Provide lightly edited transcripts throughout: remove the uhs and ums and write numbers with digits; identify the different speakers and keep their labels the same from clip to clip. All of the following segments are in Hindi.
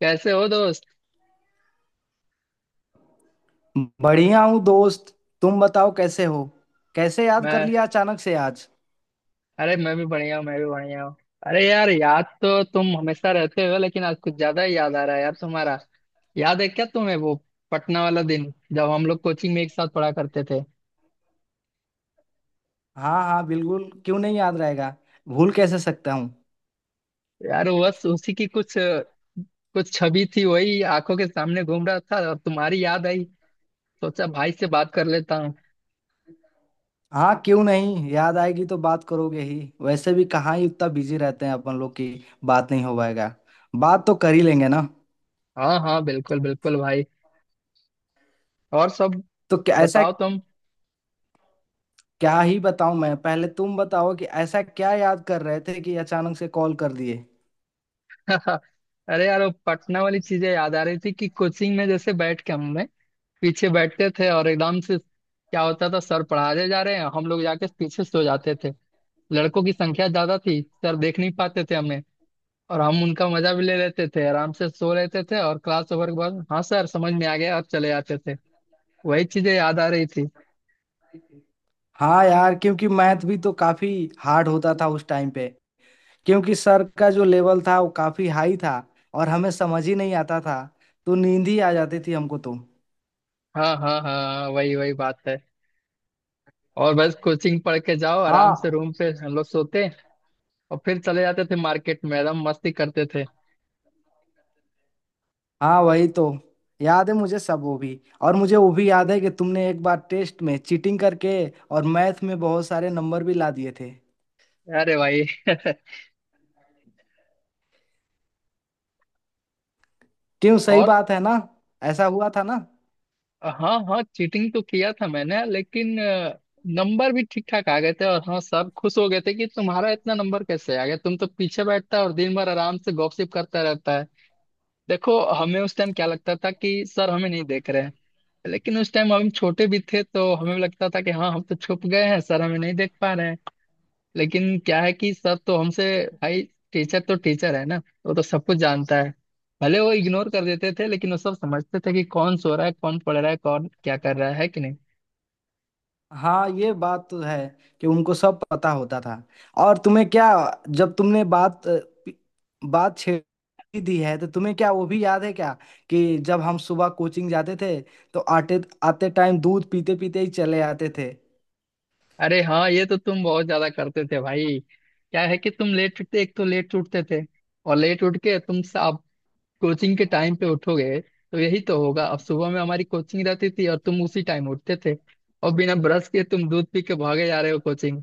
Speaker 1: कैसे हो दोस्त?
Speaker 2: बढ़िया हूँ दोस्त। तुम बताओ कैसे हो। कैसे याद कर
Speaker 1: मैं
Speaker 2: लिया अचानक से आज।
Speaker 1: अरे, मैं भी बढ़िया हूँ। मैं भी बढ़िया हूँ। अरे यार, याद तो तुम हमेशा रहते हो, लेकिन आज कुछ ज्यादा ही याद आ रहा है यार तुम्हारा। याद है क्या तुम्हें वो पटना वाला दिन, जब हम लोग कोचिंग में एक साथ पढ़ा करते थे?
Speaker 2: हाँ हाँ बिल्कुल, क्यों नहीं याद रहेगा। भूल कैसे सकता हूँ।
Speaker 1: यार बस उसी की कुछ कुछ छवि थी, वही आंखों के सामने घूम रहा था और तुम्हारी याद आई। सोचा भाई से बात कर लेता हूँ।
Speaker 2: हाँ क्यों नहीं, याद आएगी तो बात करोगे ही, वैसे भी कहाँ ही उतना बिजी रहते हैं अपन लोग की बात नहीं हो पाएगा। बात तो कर ही लेंगे ना।
Speaker 1: हाँ हाँ, बिल्कुल बिल्कुल भाई। और सब
Speaker 2: तो क्या ऐसा।
Speaker 1: बताओ तुम।
Speaker 2: क्या ही बताऊं मैं, पहले तुम बताओ कि ऐसा क्या याद कर रहे थे कि अचानक से कॉल कर दिए।
Speaker 1: अरे यार, वो पटना वाली चीजें याद आ रही थी कि कोचिंग में जैसे बैठ के हमने पीछे बैठते थे और एकदम से क्या होता था, सर पढ़ाने जा रहे हैं, हम लोग जाके पीछे सो जाते थे। लड़कों की संख्या ज्यादा थी, सर देख नहीं पाते थे हमें। और हम उनका मजा भी ले लेते थे, आराम से सो लेते थे और क्लास ओवर के बाद हाँ सर, समझ में आ गया, और चले जाते थे। वही चीजें याद आ रही थी।
Speaker 2: हाँ यार, क्योंकि मैथ भी तो काफी हार्ड होता था उस टाइम पे। क्योंकि सर का जो लेवल था वो काफी हाई था, और हमें समझ ही नहीं आता था, तो नींद ही आ जाती थी हमको तो।
Speaker 1: हाँ हाँ हाँ। हाँ, वही वही बात है। और बस कोचिंग पढ़ के जाओ, आराम से
Speaker 2: हाँ
Speaker 1: रूम पे हम लोग सोते और फिर चले जाते थे मार्केट में, एकदम मस्ती करते थे।
Speaker 2: हाँ, वही तो। याद है मुझे सब वो भी, और मुझे वो भी याद है कि तुमने एक बार टेस्ट में चीटिंग करके और मैथ में बहुत सारे नंबर भी ला दिए थे।
Speaker 1: अरे भाई।
Speaker 2: क्यों, सही
Speaker 1: और
Speaker 2: बात है ना। ऐसा हुआ था ना।
Speaker 1: हाँ हाँ, चीटिंग तो किया था मैंने, लेकिन नंबर भी ठीक ठाक आ गए थे। और हाँ, सब खुश हो गए थे कि तुम्हारा इतना नंबर कैसे आ गया, तुम तो पीछे बैठता है और दिन भर आराम से गॉसिप करता रहता है। देखो, हमें उस टाइम क्या लगता था कि सर हमें नहीं देख रहे हैं। लेकिन उस टाइम हम छोटे भी थे, तो हमें लगता था कि हाँ, हम तो छुप गए हैं, सर हमें नहीं देख पा रहे हैं। लेकिन क्या है कि सब तो हमसे, भाई टीचर तो टीचर है ना। वो तो सब कुछ जानता है। भले वो इग्नोर कर देते थे, लेकिन वो सब समझते थे कि कौन सो रहा है, कौन पढ़ रहा है, कौन क्या कर रहा है कि नहीं।
Speaker 2: हाँ ये बात तो है कि उनको सब पता होता था। और तुम्हें क्या, जब तुमने बात बात छेड़ी दी है, तो तुम्हें क्या वो भी याद है क्या कि जब हम सुबह कोचिंग जाते थे, तो आते आते टाइम दूध पीते पीते ही चले आते थे।
Speaker 1: अरे हाँ, ये तो तुम बहुत ज्यादा करते थे भाई। क्या है कि तुम लेट उठते, एक तो लेट उठते थे, और लेट उठ के तुम अब कोचिंग के टाइम पे उठोगे तो यही तो होगा। अब सुबह में हमारी कोचिंग रहती थी और तुम उसी टाइम उठते थे, और बिना ब्रश के तुम दूध पी के भागे जा रहे हो कोचिंग।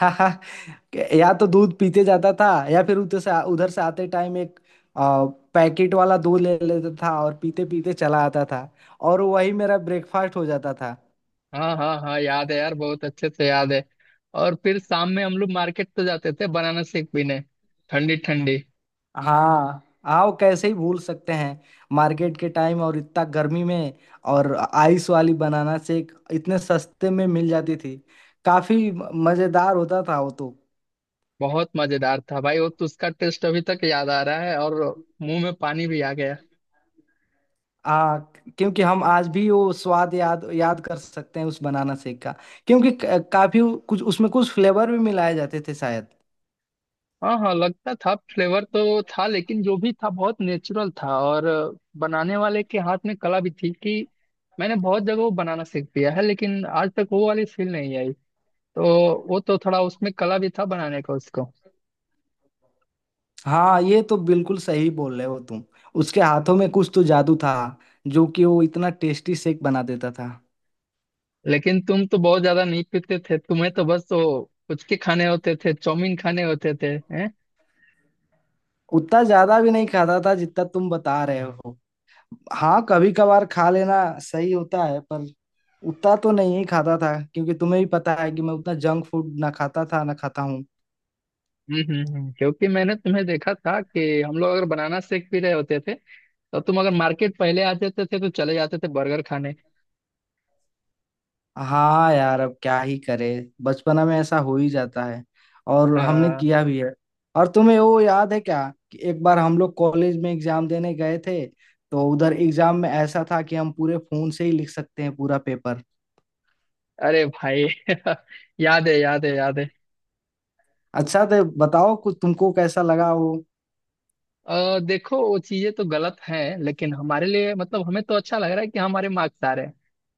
Speaker 2: या तो दूध पीते जाता था, या फिर उधर से आते टाइम एक आ, पैकेट वाला दूध ले लेता था और पीते पीते चला आता था, और वही मेरा ब्रेकफास्ट हो जाता था।
Speaker 1: हाँ हाँ हाँ, याद है यार, बहुत अच्छे से याद है। और फिर शाम में हम लोग मार्केट तो जाते थे बनाना शेक पीने, ठंडी ठंडी।
Speaker 2: हाँ। आओ कैसे ही भूल सकते हैं। मार्केट के टाइम, और इतना गर्मी में, और आइस वाली बनाना शेक इतने सस्ते में मिल जाती थी। काफी मजेदार होता था वो तो।
Speaker 1: बहुत मजेदार था भाई वो तो, उसका टेस्ट अभी तक याद आ रहा है और मुंह में पानी भी आ गया।
Speaker 2: आ, क्योंकि हम आज भी वो स्वाद याद याद कर सकते हैं उस बनाना शेक का। क्योंकि काफी कुछ उसमें, कुछ फ्लेवर भी मिलाए जाते थे शायद।
Speaker 1: हाँ हाँ, लगता था फ्लेवर तो था, लेकिन जो भी था बहुत नेचुरल था, और बनाने वाले के हाथ में कला भी थी कि मैंने बहुत जगह वो बनाना सीख पिया है, लेकिन आज तक वो वाली फील नहीं आई। तो वो तो थोड़ा उसमें कला भी था बनाने का उसको।
Speaker 2: हाँ ये तो बिल्कुल सही बोल रहे हो तुम। उसके हाथों में कुछ तो जादू था, जो कि वो इतना टेस्टी शेक बना देता था।
Speaker 1: लेकिन तुम तो बहुत ज्यादा नहीं पीते थे, तुम्हें तो बस वो पुचके खाने होते थे, चाउमीन खाने होते थे। हैं।
Speaker 2: उतना ज्यादा भी नहीं खाता था जितना तुम बता रहे हो। हाँ कभी कभार खा लेना सही होता है, पर उतना तो नहीं ही खाता था, क्योंकि तुम्हें भी पता है कि मैं उतना जंक फूड ना खाता था ना खाता हूँ।
Speaker 1: क्योंकि मैंने तुम्हें देखा था कि हम लोग अगर बनाना शेक पी रहे होते थे, तो तुम अगर मार्केट पहले आ जाते थे तो चले जाते थे बर्गर खाने।
Speaker 2: हाँ यार, अब क्या ही करे, बचपना में ऐसा हो ही जाता है, और हमने
Speaker 1: आ,
Speaker 2: किया भी है। और तुम्हें वो याद है क्या कि एक बार हम लोग कॉलेज में एग्जाम देने गए थे, तो उधर एग्जाम में ऐसा था कि हम पूरे फोन से ही लिख सकते हैं पूरा पेपर।
Speaker 1: अरे भाई। याद है, याद है, याद है।
Speaker 2: अच्छा तो बताओ कुछ, तुमको कैसा लगा वो।
Speaker 1: देखो, वो चीजें तो गलत हैं, लेकिन हमारे लिए मतलब हमें तो अच्छा लग रहा है कि हमारे मार्क्स आ रहे हैं।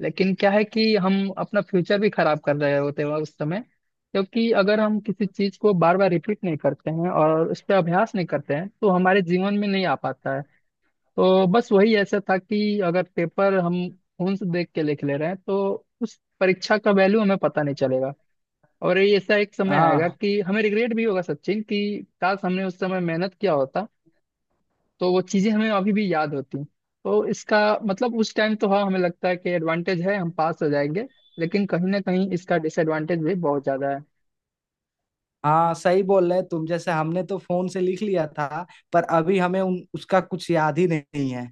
Speaker 1: लेकिन क्या है कि हम अपना फ्यूचर भी खराब कर रहे होते हैं उस समय, क्योंकि अगर हम किसी चीज को बार बार रिपीट नहीं करते हैं और उस पर अभ्यास नहीं करते हैं तो हमारे जीवन में नहीं आ पाता है। तो बस वही ऐसा था कि अगर पेपर हम फोन से देख के लिख ले रहे हैं, तो उस परीक्षा का वैल्यू हमें पता नहीं चलेगा, और ये ऐसा एक समय आएगा
Speaker 2: हाँ
Speaker 1: कि हमें रिग्रेट भी होगा, सचिन, कि काश हमने उस समय मेहनत किया होता, तो वो चीजें हमें अभी भी याद होती हैं। तो इसका मतलब उस टाइम तो हाँ, हमें लगता है कि एडवांटेज है, हम पास हो जाएंगे, लेकिन कहीं ना कहीं इसका डिसएडवांटेज भी बहुत ज्यादा है।
Speaker 2: हाँ सही बोल रहे तुम, जैसे हमने तो फोन से लिख लिया था, पर अभी हमें उसका कुछ याद ही नहीं है।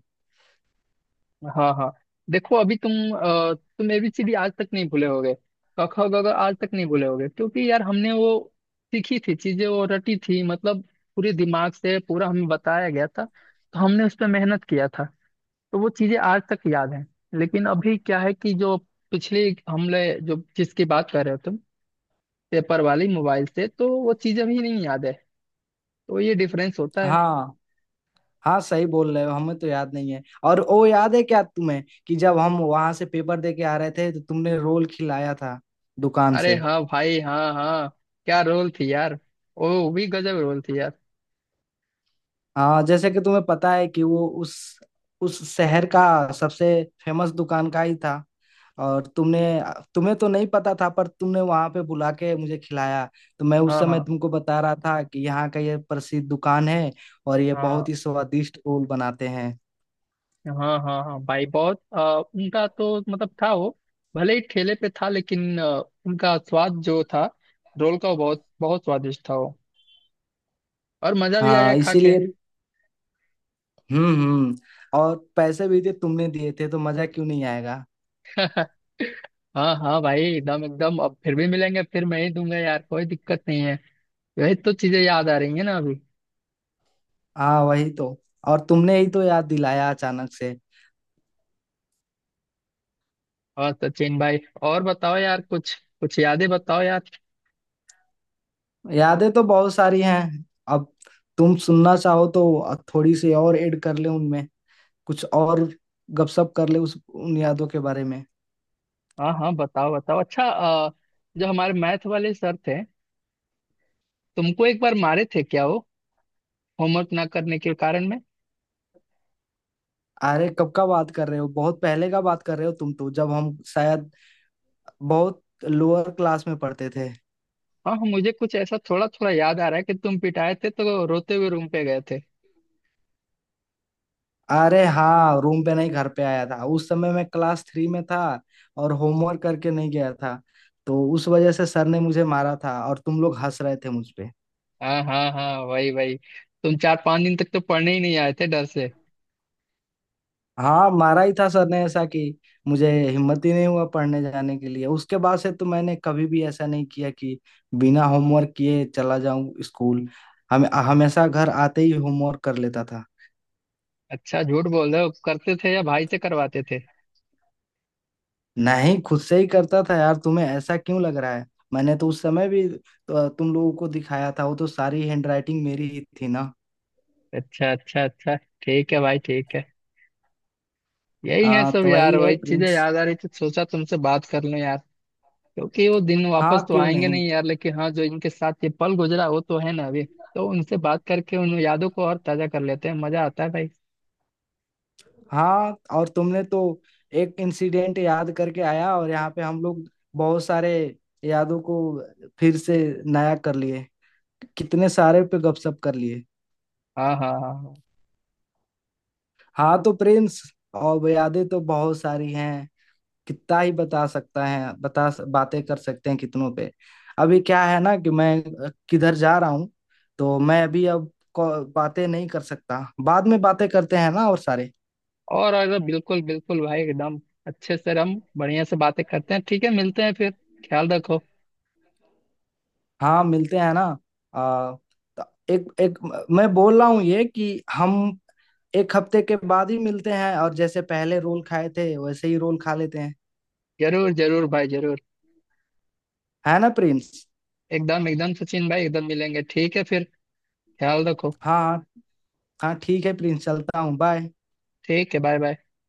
Speaker 1: हाँ हाँ। देखो, अभी तुम एबीसीडी आज तक नहीं भूले होगे, क ख ग घ आज तक नहीं भूले होगे, क्योंकि यार हमने वो सीखी थी चीजें, वो रटी थी, मतलब पूरे दिमाग से पूरा हमें बताया गया था, तो हमने उस पर मेहनत किया था, तो वो चीजें आज तक याद हैं। लेकिन अभी क्या है कि जो पिछले हमले, जो जिसकी बात कर रहे हो तुम, पेपर वाली मोबाइल से, तो वो चीजें भी नहीं याद है। तो ये डिफरेंस होता है।
Speaker 2: हाँ हाँ सही बोल रहे हो, हमें तो याद नहीं है। और वो याद है क्या तुम्हें कि जब हम वहां से पेपर दे के आ रहे थे, तो तुमने रोल खिलाया था दुकान
Speaker 1: अरे
Speaker 2: से।
Speaker 1: हाँ भाई, हाँ हाँ। क्या रोल थी यार। ओ भी गजब रोल थी यार।
Speaker 2: हाँ, जैसे कि तुम्हें पता है कि वो उस शहर का सबसे फेमस दुकान का ही था, और तुमने, तुम्हें तो नहीं पता था, पर तुमने वहां पे बुला के मुझे खिलाया, तो मैं उस
Speaker 1: हाँ
Speaker 2: समय
Speaker 1: हाँ
Speaker 2: तुमको बता रहा था कि यहाँ का ये प्रसिद्ध दुकान है, और ये
Speaker 1: हाँ।
Speaker 2: बहुत ही स्वादिष्ट ओल बनाते हैं।
Speaker 1: हाँ हाँ हाँ भाई, बहुत उनका तो मतलब था वो, भले ही ठेले पे था, लेकिन उनका स्वाद जो था रोल का, वो बहुत बहुत स्वादिष्ट था वो, और मजा भी आया
Speaker 2: हाँ
Speaker 1: खा के।
Speaker 2: इसीलिए। हम्म। और पैसे भी थे, तुमने दिए थे, तो मजा क्यों नहीं आएगा।
Speaker 1: हाँ हाँ भाई, एकदम एकदम। अब फिर भी मिलेंगे, फिर मैं ही दूंगा यार, कोई दिक्कत नहीं है। यही तो चीजें याद आ रही है ना अभी।
Speaker 2: हाँ वही तो, और तुमने ही तो याद दिलाया अचानक से।
Speaker 1: और सचिन भाई, और बताओ यार कुछ, कुछ यादें बताओ यार।
Speaker 2: यादें तो बहुत सारी हैं, अब तुम सुनना चाहो तो थोड़ी सी और ऐड कर ले उनमें, कुछ और गपशप कर ले उस उन यादों के बारे में।
Speaker 1: हाँ हाँ, बताओ बताओ। अच्छा, जो हमारे मैथ वाले सर थे, तुमको एक बार मारे थे क्या वो, होमवर्क ना करने के कारण में?
Speaker 2: अरे कब का बात कर रहे हो, बहुत पहले का बात कर रहे हो तुम तो, जब हम शायद बहुत लोअर क्लास में पढ़ते थे।
Speaker 1: हाँ हाँ, मुझे कुछ ऐसा थोड़ा थोड़ा याद आ रहा है कि तुम पिटाए थे तो रोते हुए रूम पे गए थे।
Speaker 2: अरे हाँ रूम पे नहीं, घर पे आया था, उस समय मैं क्लास थ्री में था और होमवर्क करके नहीं गया था, तो उस वजह से सर ने मुझे मारा था, और तुम लोग हंस रहे थे मुझ पे।
Speaker 1: हाँ हाँ हाँ, वही वही। तुम 4-5 दिन तक तो पढ़ने ही नहीं आए थे डर से।
Speaker 2: हाँ मारा ही था सर ने ऐसा कि मुझे हिम्मत ही नहीं हुआ पढ़ने जाने के लिए। उसके बाद से तो मैंने कभी भी ऐसा नहीं किया कि बिना होमवर्क किए चला जाऊं स्कूल। हम हमेशा घर आते ही होमवर्क कर लेता था।
Speaker 1: अच्छा, झूठ बोल रहे हो, करते थे या भाई से करवाते थे?
Speaker 2: नहीं खुद से ही करता था यार, तुम्हें ऐसा क्यों लग रहा है। मैंने तो उस समय भी तुम लोगों को दिखाया था, वो तो सारी हैंडराइटिंग मेरी ही थी ना।
Speaker 1: अच्छा अच्छा अच्छा। ठीक है भाई, ठीक है। यही है
Speaker 2: हाँ
Speaker 1: सब
Speaker 2: तो
Speaker 1: यार,
Speaker 2: वही है
Speaker 1: वही चीजें
Speaker 2: प्रिंस।
Speaker 1: याद आ रही थी, सोचा तुमसे बात कर लूं यार। क्योंकि वो दिन
Speaker 2: हाँ
Speaker 1: वापस तो
Speaker 2: क्यों
Speaker 1: आएंगे
Speaker 2: नहीं।
Speaker 1: नहीं यार, लेकिन हाँ, जो इनके साथ ये पल गुजरा वो तो है ना अभी। तो उनसे बात करके उन यादों को और ताजा कर लेते हैं, मजा आता है भाई।
Speaker 2: हाँ और तुमने तो एक इंसिडेंट याद करके आया, और यहाँ पे हम लोग बहुत सारे यादों को फिर से नया कर लिए, कितने सारे पे गपशप कर लिए।
Speaker 1: हाँ हाँ हाँ हाँ।
Speaker 2: हाँ तो प्रिंस, और यादें तो बहुत सारी हैं, कितना ही बता सकता है बता बातें कर सकते हैं कितनों पे। अभी क्या है ना कि मैं किधर जा रहा हूँ, तो मैं अभी अब बातें नहीं कर सकता। बाद में बातें करते हैं ना और सारे।
Speaker 1: और अगर बिल्कुल बिल्कुल भाई, एकदम अच्छे से, हम बढ़िया से बातें करते हैं। ठीक है, मिलते हैं फिर। ख्याल रखो।
Speaker 2: हाँ मिलते हैं ना। तो एक एक मैं बोल रहा हूँ ये कि हम एक हफ्ते के बाद ही मिलते हैं, और जैसे पहले रोल खाए थे वैसे ही रोल खा लेते हैं।
Speaker 1: जरूर जरूर भाई, जरूर।
Speaker 2: है ना प्रिंस।
Speaker 1: एकदम एकदम सचिन भाई, एकदम मिलेंगे, ठीक है फिर। ख्याल रखो।
Speaker 2: हाँ हाँ। हाँ ठीक है प्रिंस, चलता हूँ, बाय।
Speaker 1: ठीक है, बाय बाय।